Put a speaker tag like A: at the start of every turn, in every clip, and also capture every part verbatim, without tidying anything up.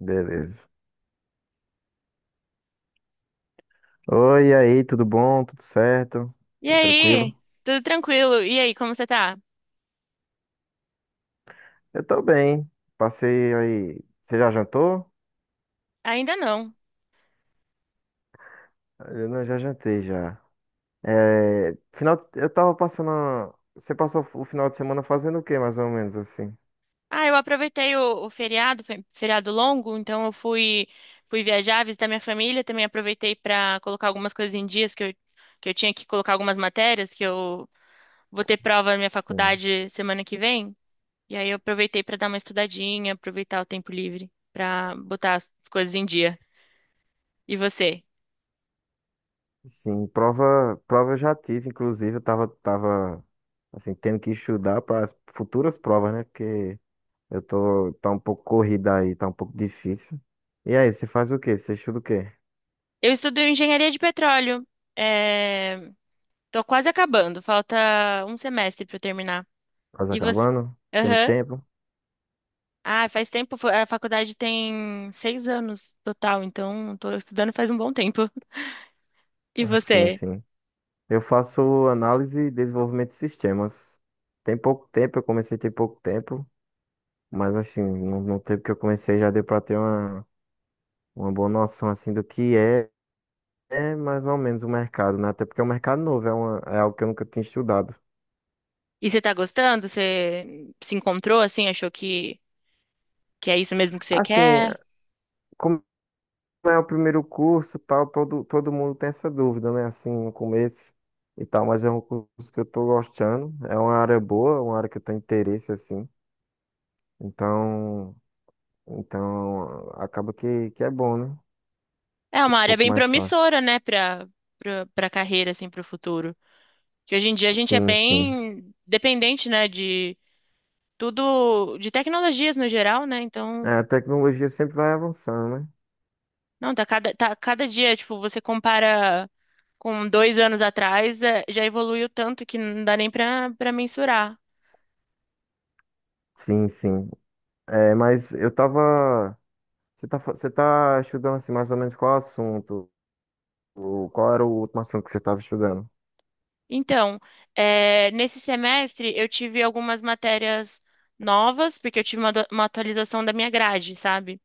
A: Beleza. Oi, e aí, tudo bom? Tudo certo?
B: E
A: Tudo tranquilo?
B: aí? Tudo tranquilo? E aí, como você tá?
A: Eu tô bem. Passei aí. Você já jantou?
B: Ainda não.
A: Eu não, já jantei já. É, final de- eu tava passando. a- Você passou o final de semana fazendo o quê, mais ou menos assim?
B: Ah, eu aproveitei o, o feriado, fe- feriado longo, então eu fui fui viajar, visitar minha família, também aproveitei para colocar algumas coisas em dias que eu que eu tinha que colocar algumas matérias que eu vou ter prova na minha
A: Sim.
B: faculdade semana que vem. E aí eu aproveitei para dar uma estudadinha, aproveitar o tempo livre para botar as coisas em dia. E você?
A: Sim, prova, prova eu já tive, inclusive, eu tava, tava assim, tendo que estudar para as futuras provas, né? Porque eu tô, tá um pouco corrida aí, tá um pouco difícil. E aí, você faz o quê? Você estuda o quê?
B: Eu estudo engenharia de petróleo. É... Tô quase acabando, falta um semestre para eu terminar. E você.
A: Copacabana? Tem
B: Aham.
A: tempo?
B: Ah, faz tempo. fo- A faculdade tem seis anos total, então tô estudando faz um bom tempo. E
A: Sim,
B: você?
A: sim. Eu faço análise e desenvolvimento de sistemas. Tem pouco tempo, eu comecei tem pouco tempo, mas assim, no, no tempo que eu comecei já deu para ter uma, uma boa noção assim do que é, é mais ou menos o mercado, né? Até porque é um mercado novo, é, uma, é algo que eu nunca tinha estudado.
B: E você tá gostando? Você se encontrou assim? Achou que, que é isso mesmo que você
A: Assim,
B: quer?
A: como é o primeiro curso, tal, todo, todo mundo tem essa dúvida, né? Assim, no começo e tal, mas é um curso que eu tô gostando, é uma área boa, uma área que eu tenho interesse, assim. Então, então acaba que, que é bom, né?
B: É uma
A: Fica um
B: área
A: pouco
B: bem
A: mais fácil.
B: promissora, né, pra, pra, pra carreira, assim, pro futuro. Que hoje em dia a gente é
A: Sim, sim.
B: bem dependente, né, de tudo, de tecnologias no geral, né?
A: É,
B: Então,
A: a tecnologia sempre vai avançando, né?
B: não, tá cada, tá cada dia, tipo, você compara com dois anos atrás, eh, já evoluiu tanto que não dá nem para para mensurar.
A: Sim, sim. É, mas eu tava. Você tá, fa- você tá estudando assim, mais ou menos qual assunto? O- Qual era o último assunto que você tava estudando?
B: Então, eh, nesse semestre eu tive algumas matérias novas, porque eu tive uma, do- uma atualização da minha grade, sabe?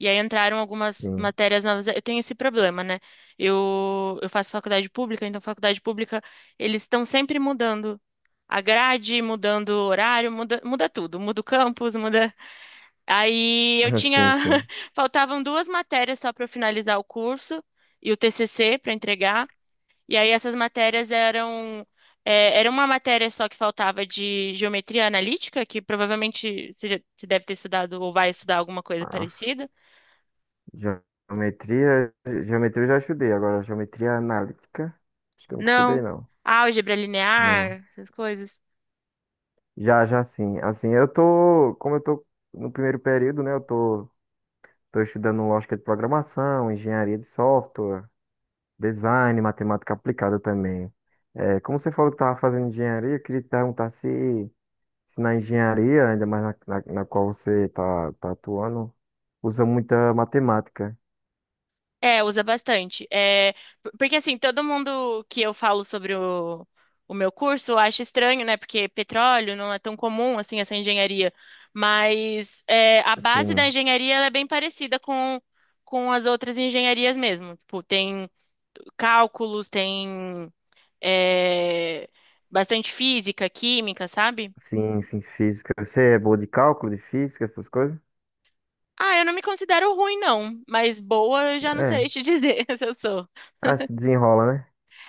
B: E aí entraram algumas
A: Sim.
B: matérias novas. Eu tenho esse problema, né? Eu, eu faço faculdade pública, então faculdade pública, eles estão sempre mudando a grade, mudando o horário, muda, muda tudo. Muda o campus, muda. Aí eu
A: Ah, sim,
B: tinha.
A: sim.
B: Faltavam duas matérias só para eu finalizar o curso e o T C C para entregar. E aí essas matérias eram. é, era uma matéria só que faltava de geometria analítica, que provavelmente você, já- você deve ter estudado ou vai estudar alguma coisa
A: Ah,
B: parecida.
A: geometria. Geometria eu já estudei. Agora, geometria analítica. Acho que eu nunca estudei,
B: Não.
A: não.
B: Álgebra
A: Não.
B: linear, essas coisas.
A: Já, já sim. Assim, eu tô, como eu tô no primeiro período, né, eu tô, tô estudando lógica de programação, engenharia de software, design, matemática aplicada também. É, como você falou que estava fazendo engenharia, eu queria te perguntar se, se na engenharia, ainda mais na, na, na qual você tá, tá atuando, usa muita matemática.
B: É, usa bastante. É, por- porque assim, todo mundo que eu falo sobre o, o meu curso acha estranho, né? Porque petróleo não é tão comum assim essa engenharia. Mas é, a base da
A: Sim,
B: engenharia ela é bem parecida com, com as outras engenharias mesmo. Tipo, tem cálculos, tem é, bastante física, química, sabe?
A: sim, sim, física. Você é boa de cálculo, de física, essas coisas?
B: Ah, eu não me considero ruim, não, mas boa eu já não sei
A: É.
B: te dizer se eu sou.
A: Ah, se desenrola, né?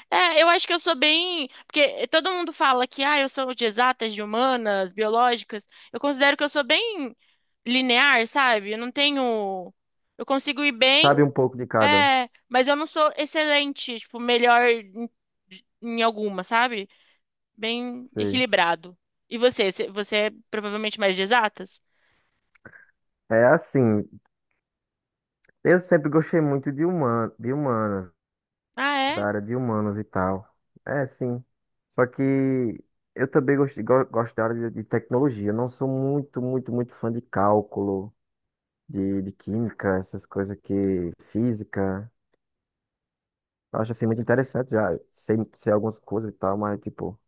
B: É, eu acho que eu sou bem. Porque todo mundo fala que, ah, eu sou de exatas, de humanas, biológicas. Eu considero que eu sou bem linear, sabe? Eu não tenho. Eu consigo ir bem,
A: Sabe um pouco de cada.
B: é, mas eu não sou excelente, tipo, melhor em, em alguma, sabe? Bem
A: Sei.
B: equilibrado. E você? Você você é provavelmente mais de exatas?
A: É assim, eu sempre gostei muito de, human, de humanas,
B: Ah, é?
A: da área de humanas e tal. É, sim. Só que eu também gosto, go- gosto da área de, de tecnologia. Eu não sou muito, muito, muito fã de cálculo, de, de química, essas coisas que... física. Eu acho, assim, muito interessante já. Sei, sei algumas coisas e tal, mas, tipo...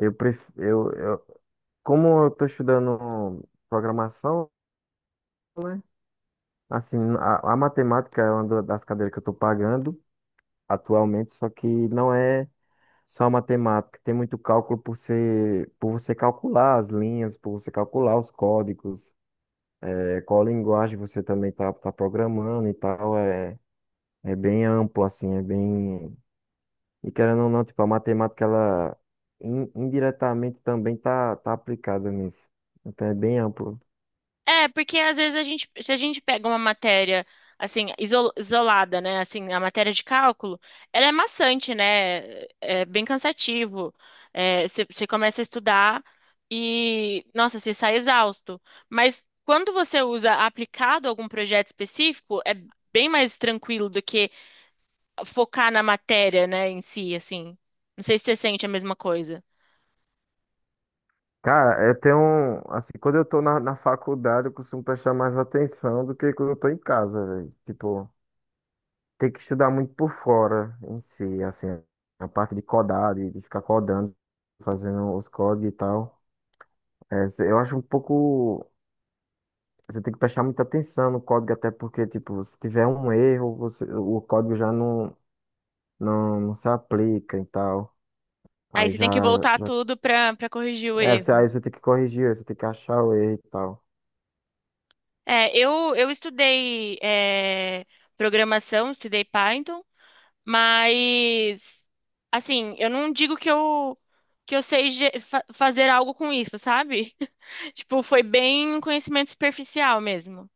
A: Eu prefiro... Eu, eu, como eu tô estudando programação, né? Assim, a, a matemática é uma da- das cadeiras que eu tô pagando atualmente, só que não é... Só matemática, tem muito cálculo por ser, por você calcular as linhas, por você calcular os códigos, é, qual linguagem você também tá, tá programando e tal, é, é bem amplo, assim, é bem... E querendo ou não, tipo, a matemática, ela in- indiretamente também tá, tá aplicada nisso, então é bem amplo.
B: É, porque às vezes a gente, se a gente pega uma matéria assim isol- isolada, né, assim a matéria de cálculo, ela é maçante, né? É bem cansativo. É, você você começa a estudar e, nossa, você sai exausto. Mas quando você usa aplicado a algum projeto específico, é bem mais tranquilo do que focar na matéria, né, em si, assim. Não sei se você sente a mesma coisa.
A: Cara, eu tenho, um- assim, quando eu tô na, na faculdade, eu costumo prestar mais atenção do que quando eu tô em casa, velho. Tipo. Ter que estudar muito por fora em si, assim, a parte de codar, de, de ficar codando, fazendo os códigos e tal. É, cê- eu acho um pouco. Você tem que prestar muita atenção no código, até porque, tipo, se tiver um erro, você- o código já não, não, não se aplica e tal.
B: Aí
A: Aí
B: você
A: já,
B: tem que voltar
A: já,
B: tudo para para corrigir o
A: é, você, aí
B: erro.
A: você tem que corrigir, você tem que achar o erro e tal.
B: É, eu, eu estudei é, programação, estudei Python, mas assim, eu não digo que eu que eu sei ge- fa- fazer algo com isso, sabe? Tipo, foi bem um conhecimento superficial mesmo.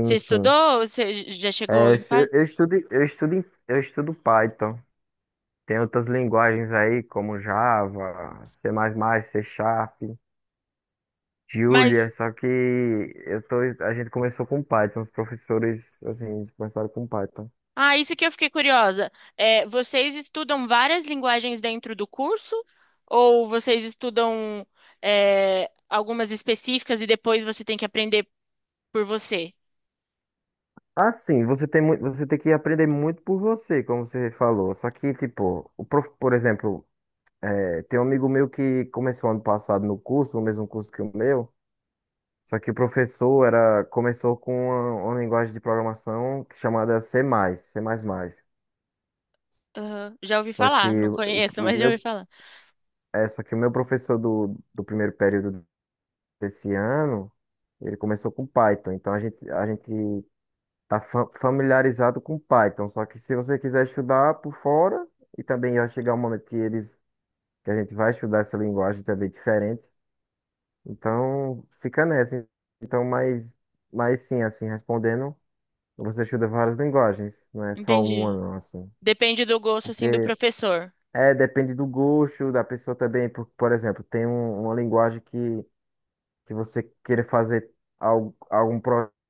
B: Você
A: sim.
B: estudou? Você j- já
A: É,
B: chegou
A: eu
B: em
A: estu-
B: Python?
A: eu estudo, eu estudo, em- eu estudo Python. Tem outras linguagens aí, como Java, C++, C Sharp. Julia,
B: Mas
A: só que eu tô, a gente começou com Python, os professores assim começaram com Python.
B: ah, isso que eu fiquei curiosa. É, vocês estudam várias linguagens dentro do curso ou vocês estudam é, algumas específicas e depois você tem que aprender por você?
A: Ah, sim, você tem muito, você tem que aprender muito por você, como você falou. Só que tipo, o prof, por exemplo, é, tem um amigo meu que começou ano passado no curso, no mesmo curso que o meu. Só que o professor era começou com uma, uma linguagem de programação chamada C++, C++.
B: Aham, já ouvi
A: Só que
B: falar, não
A: o,
B: conheço, mas
A: o
B: já ouvi
A: meu
B: falar.
A: é, só que o meu professor do, do primeiro período desse ano, ele começou com Python. Então a gente, a gente tá fa- familiarizado com Python. Só que se você quiser estudar por fora, e também vai chegar um momento que eles, que a gente vai estudar essa linguagem também diferente. Então fica nessa. Então, mas, mas sim, assim, respondendo, você estuda várias linguagens, não é só uma,
B: Entendi.
A: não, assim.
B: Depende do gosto,
A: Porque
B: assim, do professor.
A: é, depende do gosto da pessoa também. Por, por exemplo, tem um- uma linguagem que que você querer fazer al- algum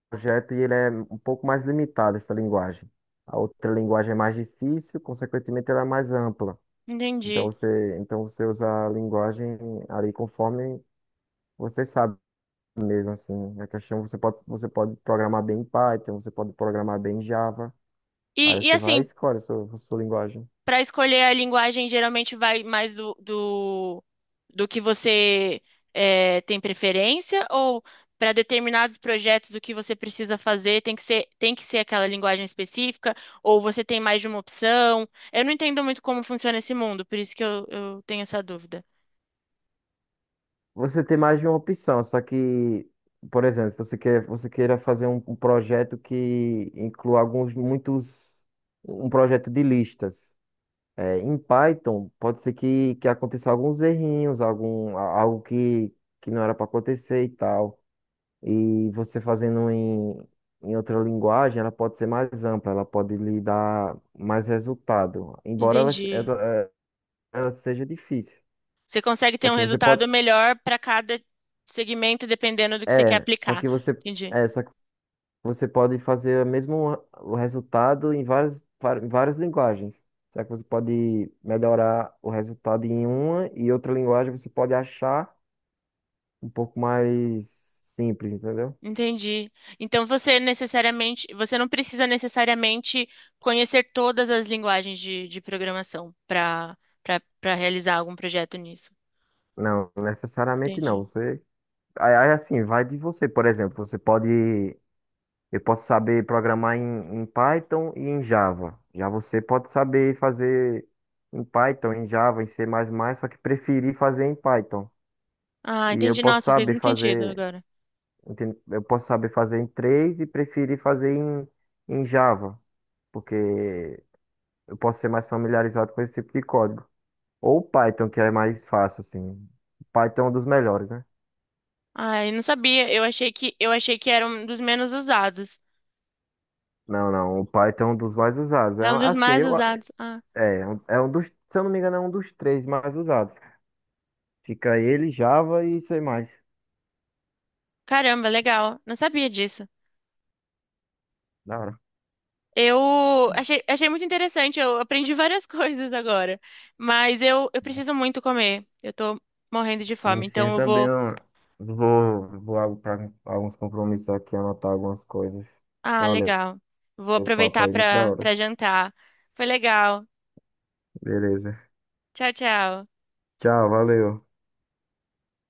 A: projeto e ele é um pouco mais limitado, essa linguagem. A outra linguagem é mais difícil, consequentemente ela é mais ampla. Então
B: Entendi.
A: você, então você usa a linguagem ali conforme você sabe mesmo assim. A questão você pode, você pode programar bem em Python, você pode programar bem em Java.
B: E,
A: Aí
B: e
A: você vai e
B: assim,
A: escolhe a sua, a sua linguagem.
B: para escolher a linguagem, geralmente vai mais do, do, do que você eh, tem preferência? Ou para determinados projetos, o que você precisa fazer tem que ser, tem que ser aquela linguagem específica? Ou você tem mais de uma opção? Eu não entendo muito como funciona esse mundo, por isso que eu, eu tenho essa dúvida.
A: Você tem mais de uma opção, só que, por exemplo, você quer, você queira fazer um, um projeto que inclua alguns, muitos, um projeto de listas. É, em Python, pode ser que, que aconteça alguns errinhos, algum, a- algo que, que não era para acontecer e tal. E você fazendo em, em outra linguagem, ela pode ser mais ampla, ela pode lhe dar mais resultado, embora ela,
B: Entendi.
A: ela, ela seja difícil.
B: Você consegue
A: Só
B: ter um
A: que você pode,
B: resultado melhor para cada segmento, dependendo do que você quer
A: é, só
B: aplicar.
A: que você
B: Entendi.
A: é, só Você pode fazer o mesmo o resultado em várias, var- em várias linguagens. Será que você pode melhorar o resultado em uma e outra linguagem você pode achar um pouco mais simples, entendeu?
B: Entendi. Então você necessariamente, você não precisa necessariamente conhecer todas as linguagens de, de programação para para para realizar algum projeto nisso.
A: Não, necessariamente não.
B: Entendi.
A: Você aí aí, assim, vai de você, por exemplo, você pode eu posso saber programar em, em Python e em Java. Já você pode saber fazer em Python, em Java, em C++, só que preferir fazer em Python.
B: Ah,
A: E eu
B: entendi.
A: posso
B: Nossa, fez
A: saber
B: muito sentido
A: fazer.
B: agora.
A: Entende? Eu posso saber fazer em três e preferir fazer em, em Java, porque eu posso ser mais familiarizado com esse tipo de código. Ou Python, que é mais fácil, assim. Python é um dos melhores, né?
B: Ah, eu não sabia. Eu achei que eu achei que era um dos menos usados.
A: Não, não, o Python é um dos mais usados. É,
B: É um dos
A: assim,
B: mais
A: eu,
B: usados. Ah,
A: é, um- é um dos, se eu não me engano, é um dos três mais usados. Fica ele, Java e C++.
B: caramba, legal. Não sabia disso.
A: Da hora.
B: Eu achei, achei muito interessante, eu aprendi várias coisas agora. Mas eu, eu preciso muito comer. Eu tô morrendo de
A: Sim,
B: fome,
A: sim, eu
B: então eu
A: também,
B: vou.
A: ó, vou, vou para alguns compromissos aqui, anotar algumas coisas.
B: Ah,
A: Valeu,
B: legal. Vou
A: o papo
B: aproveitar
A: aí, muito da
B: para para
A: hora.
B: jantar. Foi legal.
A: Beleza.
B: Tchau, tchau.
A: Tchau, valeu.